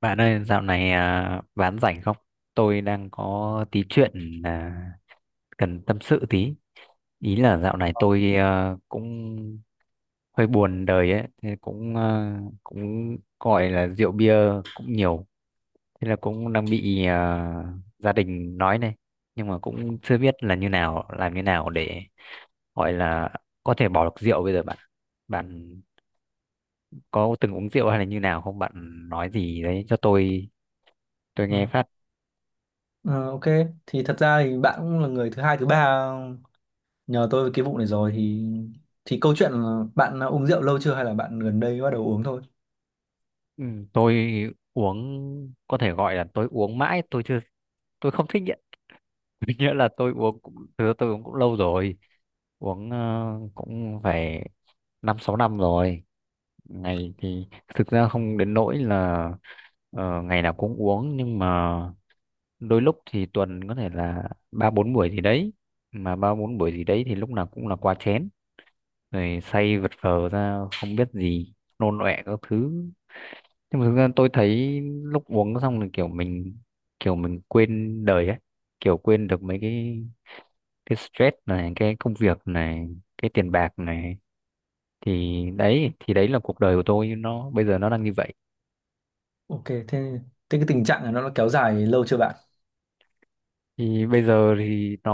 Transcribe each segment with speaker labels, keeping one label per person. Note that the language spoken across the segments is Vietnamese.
Speaker 1: Bạn ơi, dạo này bán rảnh không? Tôi đang có tí chuyện cần tâm sự tí. Ý là dạo này tôi cũng hơi buồn đời ấy, thế cũng gọi là rượu bia cũng nhiều, thế là cũng đang bị gia đình nói này, nhưng mà cũng chưa biết là như nào, làm như nào để gọi là có thể bỏ được rượu bây giờ bạn. Bạn có từng uống rượu hay là như nào không? Bạn nói gì đấy cho tôi
Speaker 2: Ờ,
Speaker 1: nghe phát.
Speaker 2: ờ, ok thì thật ra thì bạn cũng là người thứ hai thứ ba nhờ tôi về cái vụ này rồi thì câu chuyện là bạn đã uống rượu lâu chưa hay là bạn gần đây bắt đầu uống thôi.
Speaker 1: Ừ, tôi uống có thể gọi là tôi uống mãi tôi chưa tôi không thích nghiện. Nghĩa là tôi uống cũng thực tôi uống cũng lâu rồi, uống cũng phải năm sáu năm rồi. Ngày thì thực ra không đến nỗi là ngày nào cũng uống, nhưng mà đôi lúc thì tuần có thể là ba bốn buổi gì đấy, mà ba bốn buổi gì đấy thì lúc nào cũng là quá chén, rồi say vật vờ ra không biết gì, nôn ọe các thứ. Nhưng mà thực ra tôi thấy lúc uống xong là kiểu mình quên đời ấy, kiểu quên được mấy cái stress này, cái công việc này, cái tiền bạc này, thì đấy là cuộc đời của tôi nó bây giờ nó đang như vậy.
Speaker 2: Ok, thế thế cái tình trạng này nó đã kéo dài lâu chưa bạn?
Speaker 1: Thì bây giờ thì nó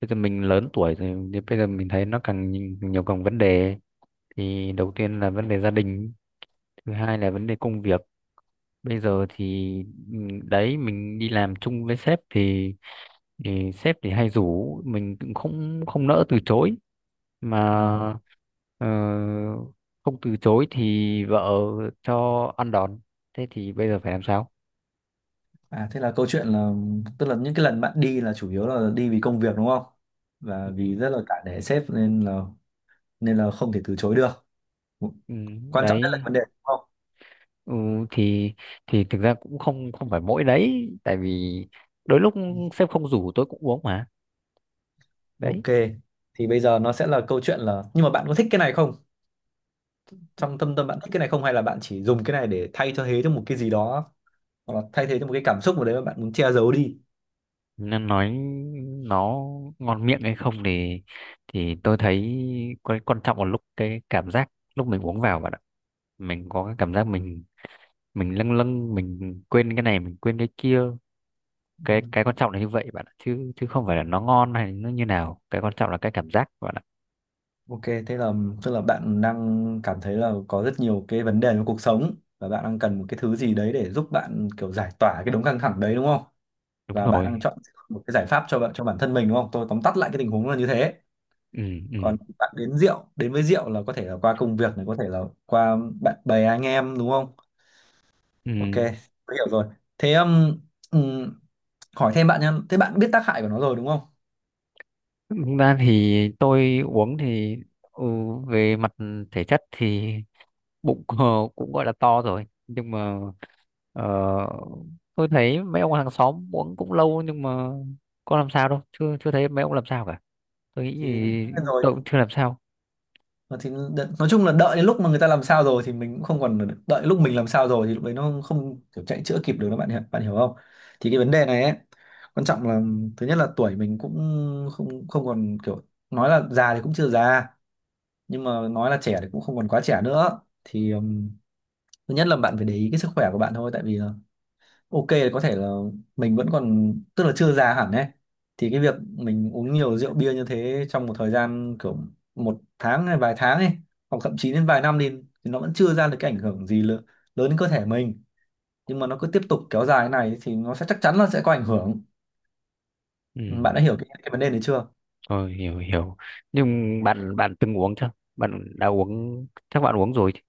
Speaker 1: bây giờ mình lớn tuổi rồi thì bây giờ mình thấy nó càng nhiều, nhiều càng vấn đề. Thì đầu tiên là vấn đề gia đình, thứ hai là vấn đề công việc. Bây giờ thì ừ, đấy, mình đi làm chung với sếp thì sếp thì hay rủ, mình cũng không không nỡ từ chối
Speaker 2: Ờ,
Speaker 1: mà. ờ, Không từ chối thì vợ cho ăn đòn, thế thì bây giờ phải làm sao?
Speaker 2: à thế là câu chuyện là, tức là những cái lần bạn đi là chủ yếu là đi vì công việc đúng không, và vì rất là cả nể sếp nên là không thể từ chối được.
Speaker 1: Ừ,
Speaker 2: Quan trọng nhất là
Speaker 1: đấy.
Speaker 2: vấn đề đúng không?
Speaker 1: Ừ, thì thì thực ra cũng không không phải mỗi đấy, tại vì đôi lúc sếp không rủ tôi cũng uống mà, đấy.
Speaker 2: Ok, thì bây giờ nó sẽ là câu chuyện là nhưng mà bạn có thích cái này không? Trong tâm tâm bạn thích cái này không, hay là bạn chỉ dùng cái này để thay cho thế cho một cái gì đó, hoặc là thay thế cho một cái cảm xúc mà đấy mà bạn muốn che giấu đi?
Speaker 1: Nên nói nó ngon miệng hay không thì tôi thấy quan quan trọng là lúc cái cảm giác lúc mình uống vào bạn ạ, mình có cái cảm giác mình lâng lâng, mình quên cái này mình quên cái kia. cái
Speaker 2: Ừ,
Speaker 1: cái quan trọng là như vậy bạn ạ, chứ chứ không phải là nó ngon hay nó như nào, cái quan trọng là cái cảm giác bạn ạ.
Speaker 2: ok thế là, tức là bạn đang cảm thấy là có rất nhiều cái vấn đề trong cuộc sống và bạn đang cần một cái thứ gì đấy để giúp bạn kiểu giải tỏa cái đống căng thẳng đấy đúng không,
Speaker 1: Đúng
Speaker 2: và bạn đang
Speaker 1: rồi.
Speaker 2: chọn một cái giải pháp cho bạn cho bản thân mình đúng không? Tôi tóm tắt lại cái tình huống là như thế.
Speaker 1: Ừ. Ừ.
Speaker 2: Còn bạn đến rượu, đến với rượu là có thể là qua công việc này, có thể là qua bạn bè anh em đúng không?
Speaker 1: Ừ.
Speaker 2: Ok, tôi hiểu rồi. Thế ừ, hỏi thêm bạn nhá, thế bạn biết tác hại của nó rồi đúng không?
Speaker 1: Thực ra thì tôi uống thì ừ, về mặt thể chất thì bụng cũng gọi là to rồi, nhưng mà ờ, tôi thấy mấy ông hàng xóm uống cũng lâu, nhưng mà có làm sao đâu, chưa chưa thấy mấy ông làm sao cả, tôi nghĩ
Speaker 2: Thì
Speaker 1: thì
Speaker 2: biết rồi,
Speaker 1: tôi cũng chưa làm sao.
Speaker 2: thì nói chung là đợi đến lúc mà người ta làm sao rồi thì mình cũng không còn, đợi lúc mình làm sao rồi thì lúc đấy nó không không kiểu chạy chữa kịp được đó, bạn hiểu, bạn hiểu không? Thì cái vấn đề này ấy, quan trọng là thứ nhất là tuổi mình cũng không không còn kiểu, nói là già thì cũng chưa già nhưng mà nói là trẻ thì cũng không còn quá trẻ nữa, thì thứ nhất là bạn phải để ý cái sức khỏe của bạn thôi. Tại vì ok là có thể là mình vẫn còn, tức là chưa già hẳn ấy, thì cái việc mình uống nhiều rượu bia như thế trong một thời gian kiểu một tháng hay vài tháng ấy, hoặc thậm chí đến vài năm đi, thì nó vẫn chưa ra được cái ảnh hưởng gì lớn, lớn đến cơ thể mình, nhưng mà nó cứ tiếp tục kéo dài thế này thì nó sẽ, chắc chắn là sẽ có ảnh hưởng.
Speaker 1: Ừ,
Speaker 2: Bạn đã hiểu cái vấn đề này chưa?
Speaker 1: tôi hiểu hiểu, nhưng bạn bạn từng uống chưa? Bạn đã uống, chắc bạn uống rồi chứ?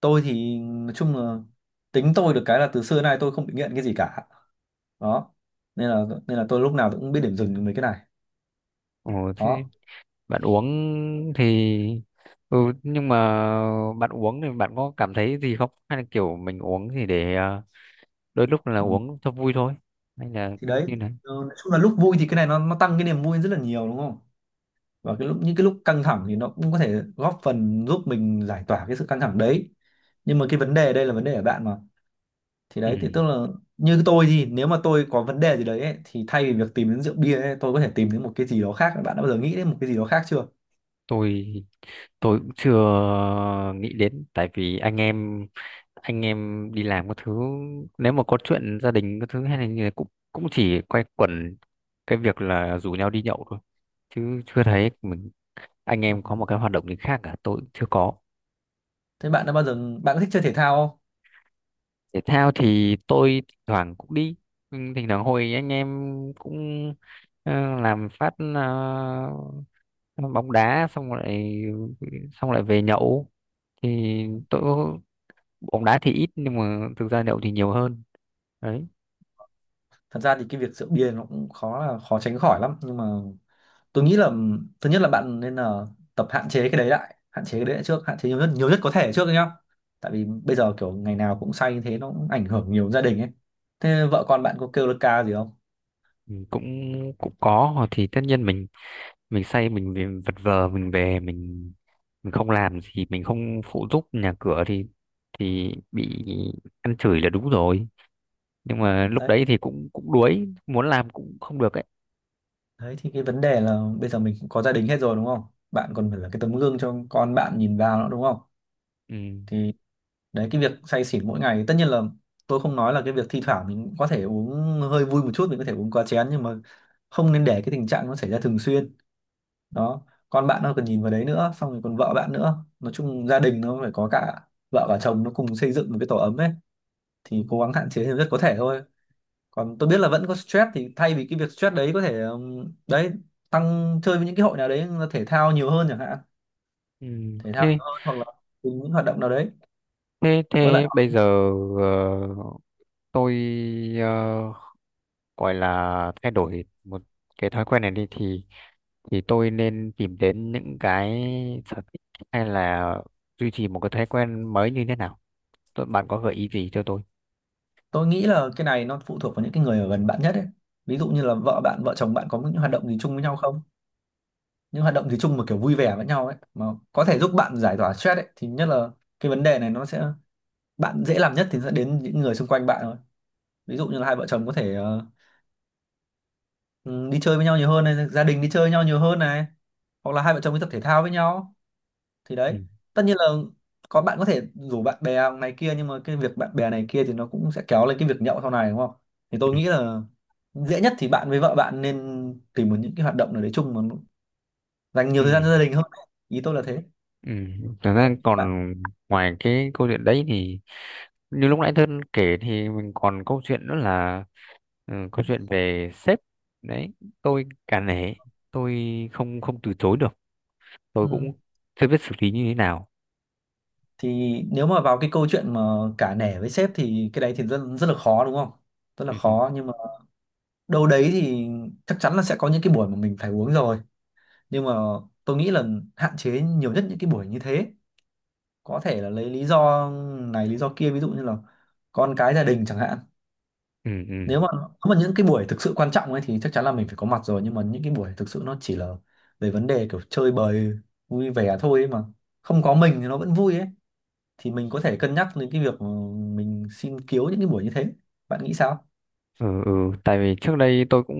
Speaker 2: Tôi thì nói chung là, tính tôi được cái là từ xưa đến nay tôi không bị nghiện cái gì cả, đó, nên là tôi lúc nào tôi cũng biết điểm dừng với cái này,
Speaker 1: Ồ,
Speaker 2: đó.
Speaker 1: thế bạn uống thì ừ, nhưng mà bạn uống thì bạn có cảm thấy gì không, hay là kiểu mình uống thì để đôi lúc là uống cho vui thôi, hay là
Speaker 2: Thì đấy,
Speaker 1: như này?
Speaker 2: nói chung là lúc vui thì cái này nó tăng cái niềm vui rất là nhiều đúng không, và cái lúc, những cái lúc căng thẳng thì nó cũng có thể góp phần giúp mình giải tỏa cái sự căng thẳng đấy, nhưng mà cái vấn đề ở đây là vấn đề ở bạn mà. Thì
Speaker 1: Ừ,
Speaker 2: đấy thì tức là như tôi thì nếu mà tôi có vấn đề gì đấy ấy, thì thay vì việc tìm đến rượu bia ấy, tôi có thể tìm đến một cái gì đó khác. Bạn đã bao giờ nghĩ đến một cái gì đó khác chưa?
Speaker 1: tôi tôi cũng chưa nghĩ đến, tại vì anh em đi làm các thứ, nếu mà có chuyện gia đình các thứ hay là như thế cũng cũng chỉ quay quẩn cái việc là rủ nhau đi nhậu thôi, chứ chưa
Speaker 2: Ờ.
Speaker 1: thấy mình anh
Speaker 2: Ừ.
Speaker 1: em có một cái hoạt động gì khác cả, tôi cũng chưa có.
Speaker 2: Thế bạn đã bao giờ, bạn có thích chơi thể thao không?
Speaker 1: Thể thao thì tôi thỉnh thoảng cũng đi. Ừ, thỉnh thoảng hồi anh em cũng làm phát bóng đá xong lại về nhậu, thì tôi bóng đá thì ít nhưng mà thực ra nhậu thì nhiều hơn, đấy.
Speaker 2: Thật ra thì cái việc rượu bia nó cũng khó, là khó tránh khỏi lắm, nhưng mà tôi nghĩ là thứ nhất là bạn nên là tập hạn chế cái đấy lại, hạn chế cái đấy lại trước, hạn chế nhiều nhất, nhiều nhất có thể trước đấy nhá. Tại vì bây giờ kiểu ngày nào cũng say như thế nó cũng ảnh hưởng nhiều đến gia đình ấy. Thế vợ con bạn có kêu là ca gì không?
Speaker 1: Ừ, cũng cũng có, hoặc thì tất nhiên mình say mình vật vờ mình về mình không làm gì, mình không phụ giúp nhà cửa thì bị ăn chửi là đúng rồi, nhưng mà lúc
Speaker 2: Đấy,
Speaker 1: đấy thì cũng cũng đuối, muốn làm cũng không được ấy.
Speaker 2: đấy thì cái vấn đề là bây giờ mình cũng có gia đình hết rồi đúng không? Bạn còn phải là cái tấm gương cho con bạn nhìn vào nữa đúng không?
Speaker 1: Ừ.
Speaker 2: Thì đấy, cái việc say xỉn mỗi ngày tất nhiên là, tôi không nói là cái việc thi thoảng mình có thể uống hơi vui một chút, mình có thể uống quá chén, nhưng mà không nên để cái tình trạng nó xảy ra thường xuyên, đó. Con bạn nó cần nhìn vào đấy nữa, xong rồi còn vợ bạn nữa, nói chung gia đình nó phải có cả vợ và chồng, nó cùng xây dựng một cái tổ ấm ấy. Thì cố gắng hạn chế nhiều nhất có thể thôi. Còn tôi biết là vẫn có stress, thì thay vì cái việc stress đấy có thể đấy, tăng chơi với những cái hội nào đấy, thể thao nhiều hơn chẳng hạn,
Speaker 1: Ừ.
Speaker 2: thể thao
Speaker 1: thế
Speaker 2: nhiều hơn, hoặc là cùng những hoạt động nào đấy
Speaker 1: thế
Speaker 2: với bạn.
Speaker 1: thế bây giờ ờ, tôi ờ, gọi là thay đổi một cái thói quen này đi thì tôi nên tìm đến những cái sở thích, hay là duy trì một cái thói quen mới như thế nào, bạn có gợi ý gì cho tôi?
Speaker 2: Tôi nghĩ là cái này nó phụ thuộc vào những cái người ở gần bạn nhất ấy. Ví dụ như là vợ bạn, vợ chồng bạn có những hoạt động gì chung với nhau không, những hoạt động gì chung mà kiểu vui vẻ với nhau ấy mà, có thể giúp bạn giải tỏa stress ấy, thì nhất là cái vấn đề này nó sẽ, bạn dễ làm nhất thì sẽ đến những người xung quanh bạn thôi. Ví dụ như là hai vợ chồng có thể ừ, đi chơi với nhau nhiều hơn này, gia đình đi chơi với nhau nhiều hơn này, hoặc là hai vợ chồng đi tập thể thao với nhau, thì
Speaker 1: Ừ.
Speaker 2: đấy. Tất nhiên là có, bạn có thể rủ bạn bè này kia, nhưng mà cái việc bạn bè này kia thì nó cũng sẽ kéo lên cái việc nhậu sau này đúng không? Thì tôi
Speaker 1: Ừ.
Speaker 2: nghĩ là dễ nhất thì bạn với vợ bạn nên tìm một những cái hoạt động nào đấy chung mà nó dành nhiều thời gian
Speaker 1: Ừ.
Speaker 2: cho gia đình hơn ấy. Ý tôi là thế,
Speaker 1: Ừ. Thật ra
Speaker 2: bạn.
Speaker 1: còn ngoài cái câu chuyện đấy thì như lúc nãy Thân kể thì mình còn câu chuyện nữa là câu chuyện về sếp, đấy, tôi cả nể, tôi không không từ chối được, tôi
Speaker 2: Ừ.
Speaker 1: cũng chưa biết xử lý như thế nào.
Speaker 2: Thì nếu mà vào cái câu chuyện mà cả nể với sếp thì cái đấy thì rất rất là khó đúng không? Rất là
Speaker 1: Ừ. Ừ.
Speaker 2: khó, nhưng mà đâu đấy thì chắc chắn là sẽ có những cái buổi mà mình phải uống rồi, nhưng mà tôi nghĩ là hạn chế nhiều nhất những cái buổi như thế. Có thể là lấy lý do này lý do kia, ví dụ như là con cái gia đình chẳng hạn.
Speaker 1: Ừ. Ừ.
Speaker 2: Nếu mà, nếu mà những cái buổi thực sự quan trọng ấy thì chắc chắn là mình phải có mặt rồi, nhưng mà những cái buổi thực sự nó chỉ là về vấn đề kiểu chơi bời, vui vẻ thôi ấy mà, không có mình thì nó vẫn vui ấy, thì mình có thể cân nhắc đến cái việc mình xin kiếu những cái buổi như thế. Bạn nghĩ sao?
Speaker 1: Ừ. Ừ. Tại vì trước đây tôi cũng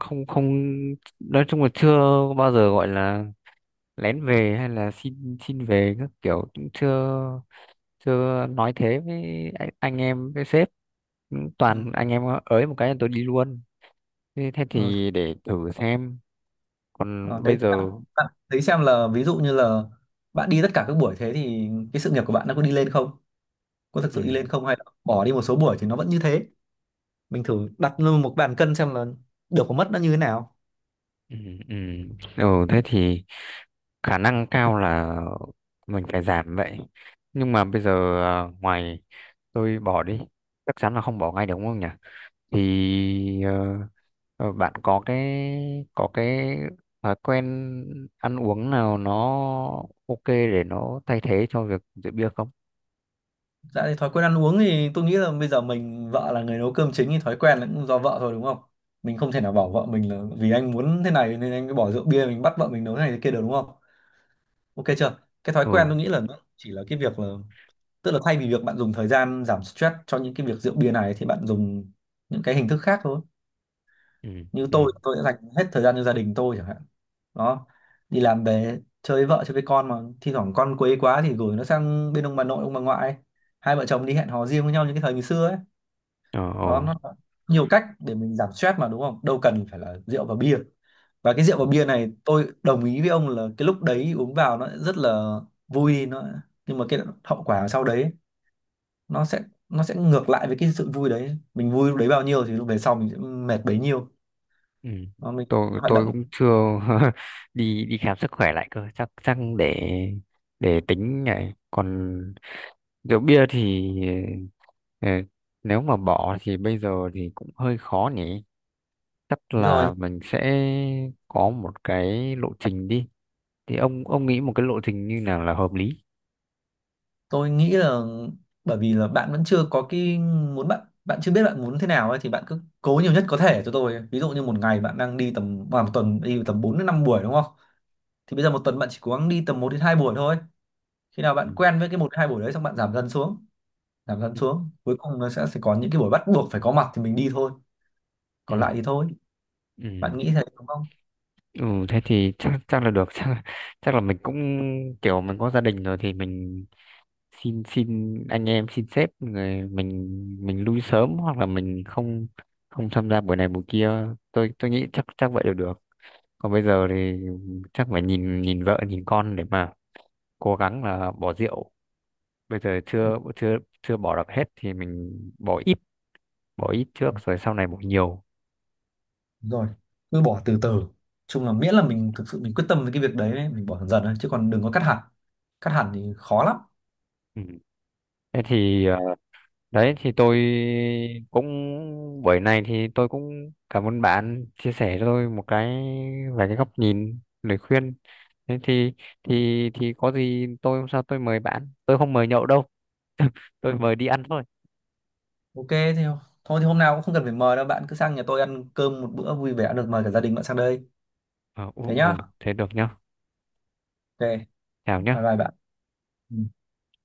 Speaker 1: không không nói chung là chưa bao giờ gọi là lén về hay là xin xin về các kiểu, cũng chưa chưa nói thế với anh em với sếp. Cũng
Speaker 2: Ừ.
Speaker 1: toàn anh em ới một cái là tôi đi luôn. Thế
Speaker 2: ờ,
Speaker 1: thì để thử xem. Còn
Speaker 2: ờ, đấy
Speaker 1: bây giờ.
Speaker 2: bạn, bạn thấy xem là ví dụ như là bạn đi tất cả các buổi, thế thì cái sự nghiệp của bạn nó có đi lên không, có thực
Speaker 1: Ừ.
Speaker 2: sự đi lên không, hay là bỏ đi một số buổi thì nó vẫn như thế? Mình thử đặt lên một bàn cân xem là được có mất nó như thế nào.
Speaker 1: Ừ. Ừ. Ừ. Thế thì khả năng cao là mình phải giảm vậy. Nhưng mà bây giờ ngoài, tôi bỏ đi chắc chắn là không bỏ ngay được đúng không nhỉ, thì bạn có cái thói quen ăn uống nào nó ok để nó thay thế cho việc rượu bia không?
Speaker 2: Dạ, thì thói quen ăn uống thì tôi nghĩ là bây giờ mình, vợ là người nấu cơm chính thì thói quen là cũng do vợ thôi đúng không? Mình không thể nào bảo vợ mình là vì anh muốn thế này nên anh mới bỏ rượu bia, mình bắt vợ mình nấu thế này thế kia được đúng không? Ok chưa? Cái thói quen
Speaker 1: Ừ.
Speaker 2: tôi nghĩ là nó chỉ là cái việc là, tức là thay vì việc bạn dùng thời gian giảm stress cho những cái việc rượu bia này thì bạn dùng những cái hình thức khác thôi.
Speaker 1: Ừ.
Speaker 2: Như
Speaker 1: Ừ.
Speaker 2: tôi đã dành hết thời gian cho gia đình tôi chẳng hạn, đó. Đi làm về chơi với vợ chơi với con mà, thi thoảng con quấy quá thì gửi nó sang bên ông bà nội ông bà ngoại, hai vợ chồng đi hẹn hò riêng với nhau như cái thời ngày xưa ấy,
Speaker 1: Ờ. Ờ.
Speaker 2: đó, nó nhiều cách để mình giảm stress mà đúng không, đâu cần phải là rượu và bia. Và cái rượu và bia này tôi đồng ý với ông là cái lúc đấy uống vào nó rất là vui, nó, nhưng mà cái hậu quả sau đấy nó sẽ, nó sẽ ngược lại với cái sự vui đấy, mình vui lúc đấy bao nhiêu thì lúc về sau mình sẽ mệt bấy nhiêu.
Speaker 1: Ừ,
Speaker 2: Nó mình
Speaker 1: tôi
Speaker 2: hoạt
Speaker 1: tôi
Speaker 2: động.
Speaker 1: cũng chưa. đi đi khám sức khỏe lại cơ, chắc chắc để tính này, còn rượu bia thì ờ, nếu mà bỏ thì bây giờ thì cũng hơi khó nhỉ, chắc
Speaker 2: Đúng rồi.
Speaker 1: là mình sẽ có một cái lộ trình đi, thì ông nghĩ một cái lộ trình như nào là hợp lý?
Speaker 2: Tôi nghĩ là bởi vì là bạn vẫn chưa có cái muốn, bạn, bạn chưa biết bạn muốn thế nào ấy, thì bạn cứ cố nhiều nhất có thể cho tôi. Ví dụ như một ngày bạn đang đi tầm à, một tuần đi tầm 4 đến 5 buổi đúng không? Thì bây giờ một tuần bạn chỉ cố gắng đi tầm một đến 2 buổi thôi. Khi nào
Speaker 1: Ừ.
Speaker 2: bạn quen với cái một đến 2 buổi đấy xong bạn giảm dần xuống, giảm dẫn
Speaker 1: Ừ.
Speaker 2: xuống, cuối cùng nó sẽ có những cái buổi bắt buộc phải có mặt thì mình đi thôi, còn lại
Speaker 1: Ừ.
Speaker 2: thì thôi.
Speaker 1: Ừ.
Speaker 2: Bạn nghĩ thế đúng không?
Speaker 1: Ừ, thế thì chắc chắc là được. chắc chắc là mình cũng kiểu mình có gia đình rồi thì mình xin xin anh em xin sếp, người mình lui sớm hoặc là mình không không tham gia buổi này buổi kia, tôi nghĩ chắc chắc vậy là được. Còn bây giờ thì chắc phải nhìn nhìn vợ nhìn con để mà cố gắng là bỏ rượu, bây giờ
Speaker 2: Ừ.
Speaker 1: chưa chưa chưa bỏ được hết thì mình bỏ ít bỏ ít trước
Speaker 2: Ừ,
Speaker 1: rồi sau này bỏ nhiều.
Speaker 2: đúng rồi, cứ bỏ từ từ, chung là miễn là mình thực sự mình quyết tâm với cái việc đấy ấy, mình bỏ dần dần thôi, chứ còn đừng có cắt hẳn, cắt hẳn thì khó lắm.
Speaker 1: Ừ. Thế thì đấy thì tôi cũng buổi này thì tôi cũng cảm ơn bạn chia sẻ cho tôi một cái về cái góc nhìn lời khuyên. Thế thì thì có gì tôi hôm sau tôi mời bạn. Tôi không mời nhậu đâu. Tôi mời đi ăn thôi.
Speaker 2: Ok, thì thôi thì hôm nào cũng không cần phải mời đâu, bạn cứ sang nhà tôi ăn cơm một bữa vui vẻ được, mời cả gia đình bạn sang đây.
Speaker 1: Ờ,
Speaker 2: Thế
Speaker 1: ù,
Speaker 2: nhá.
Speaker 1: ù, thế được nhá.
Speaker 2: Ok,
Speaker 1: Chào
Speaker 2: bye
Speaker 1: nhá.
Speaker 2: bye bạn. Ừ.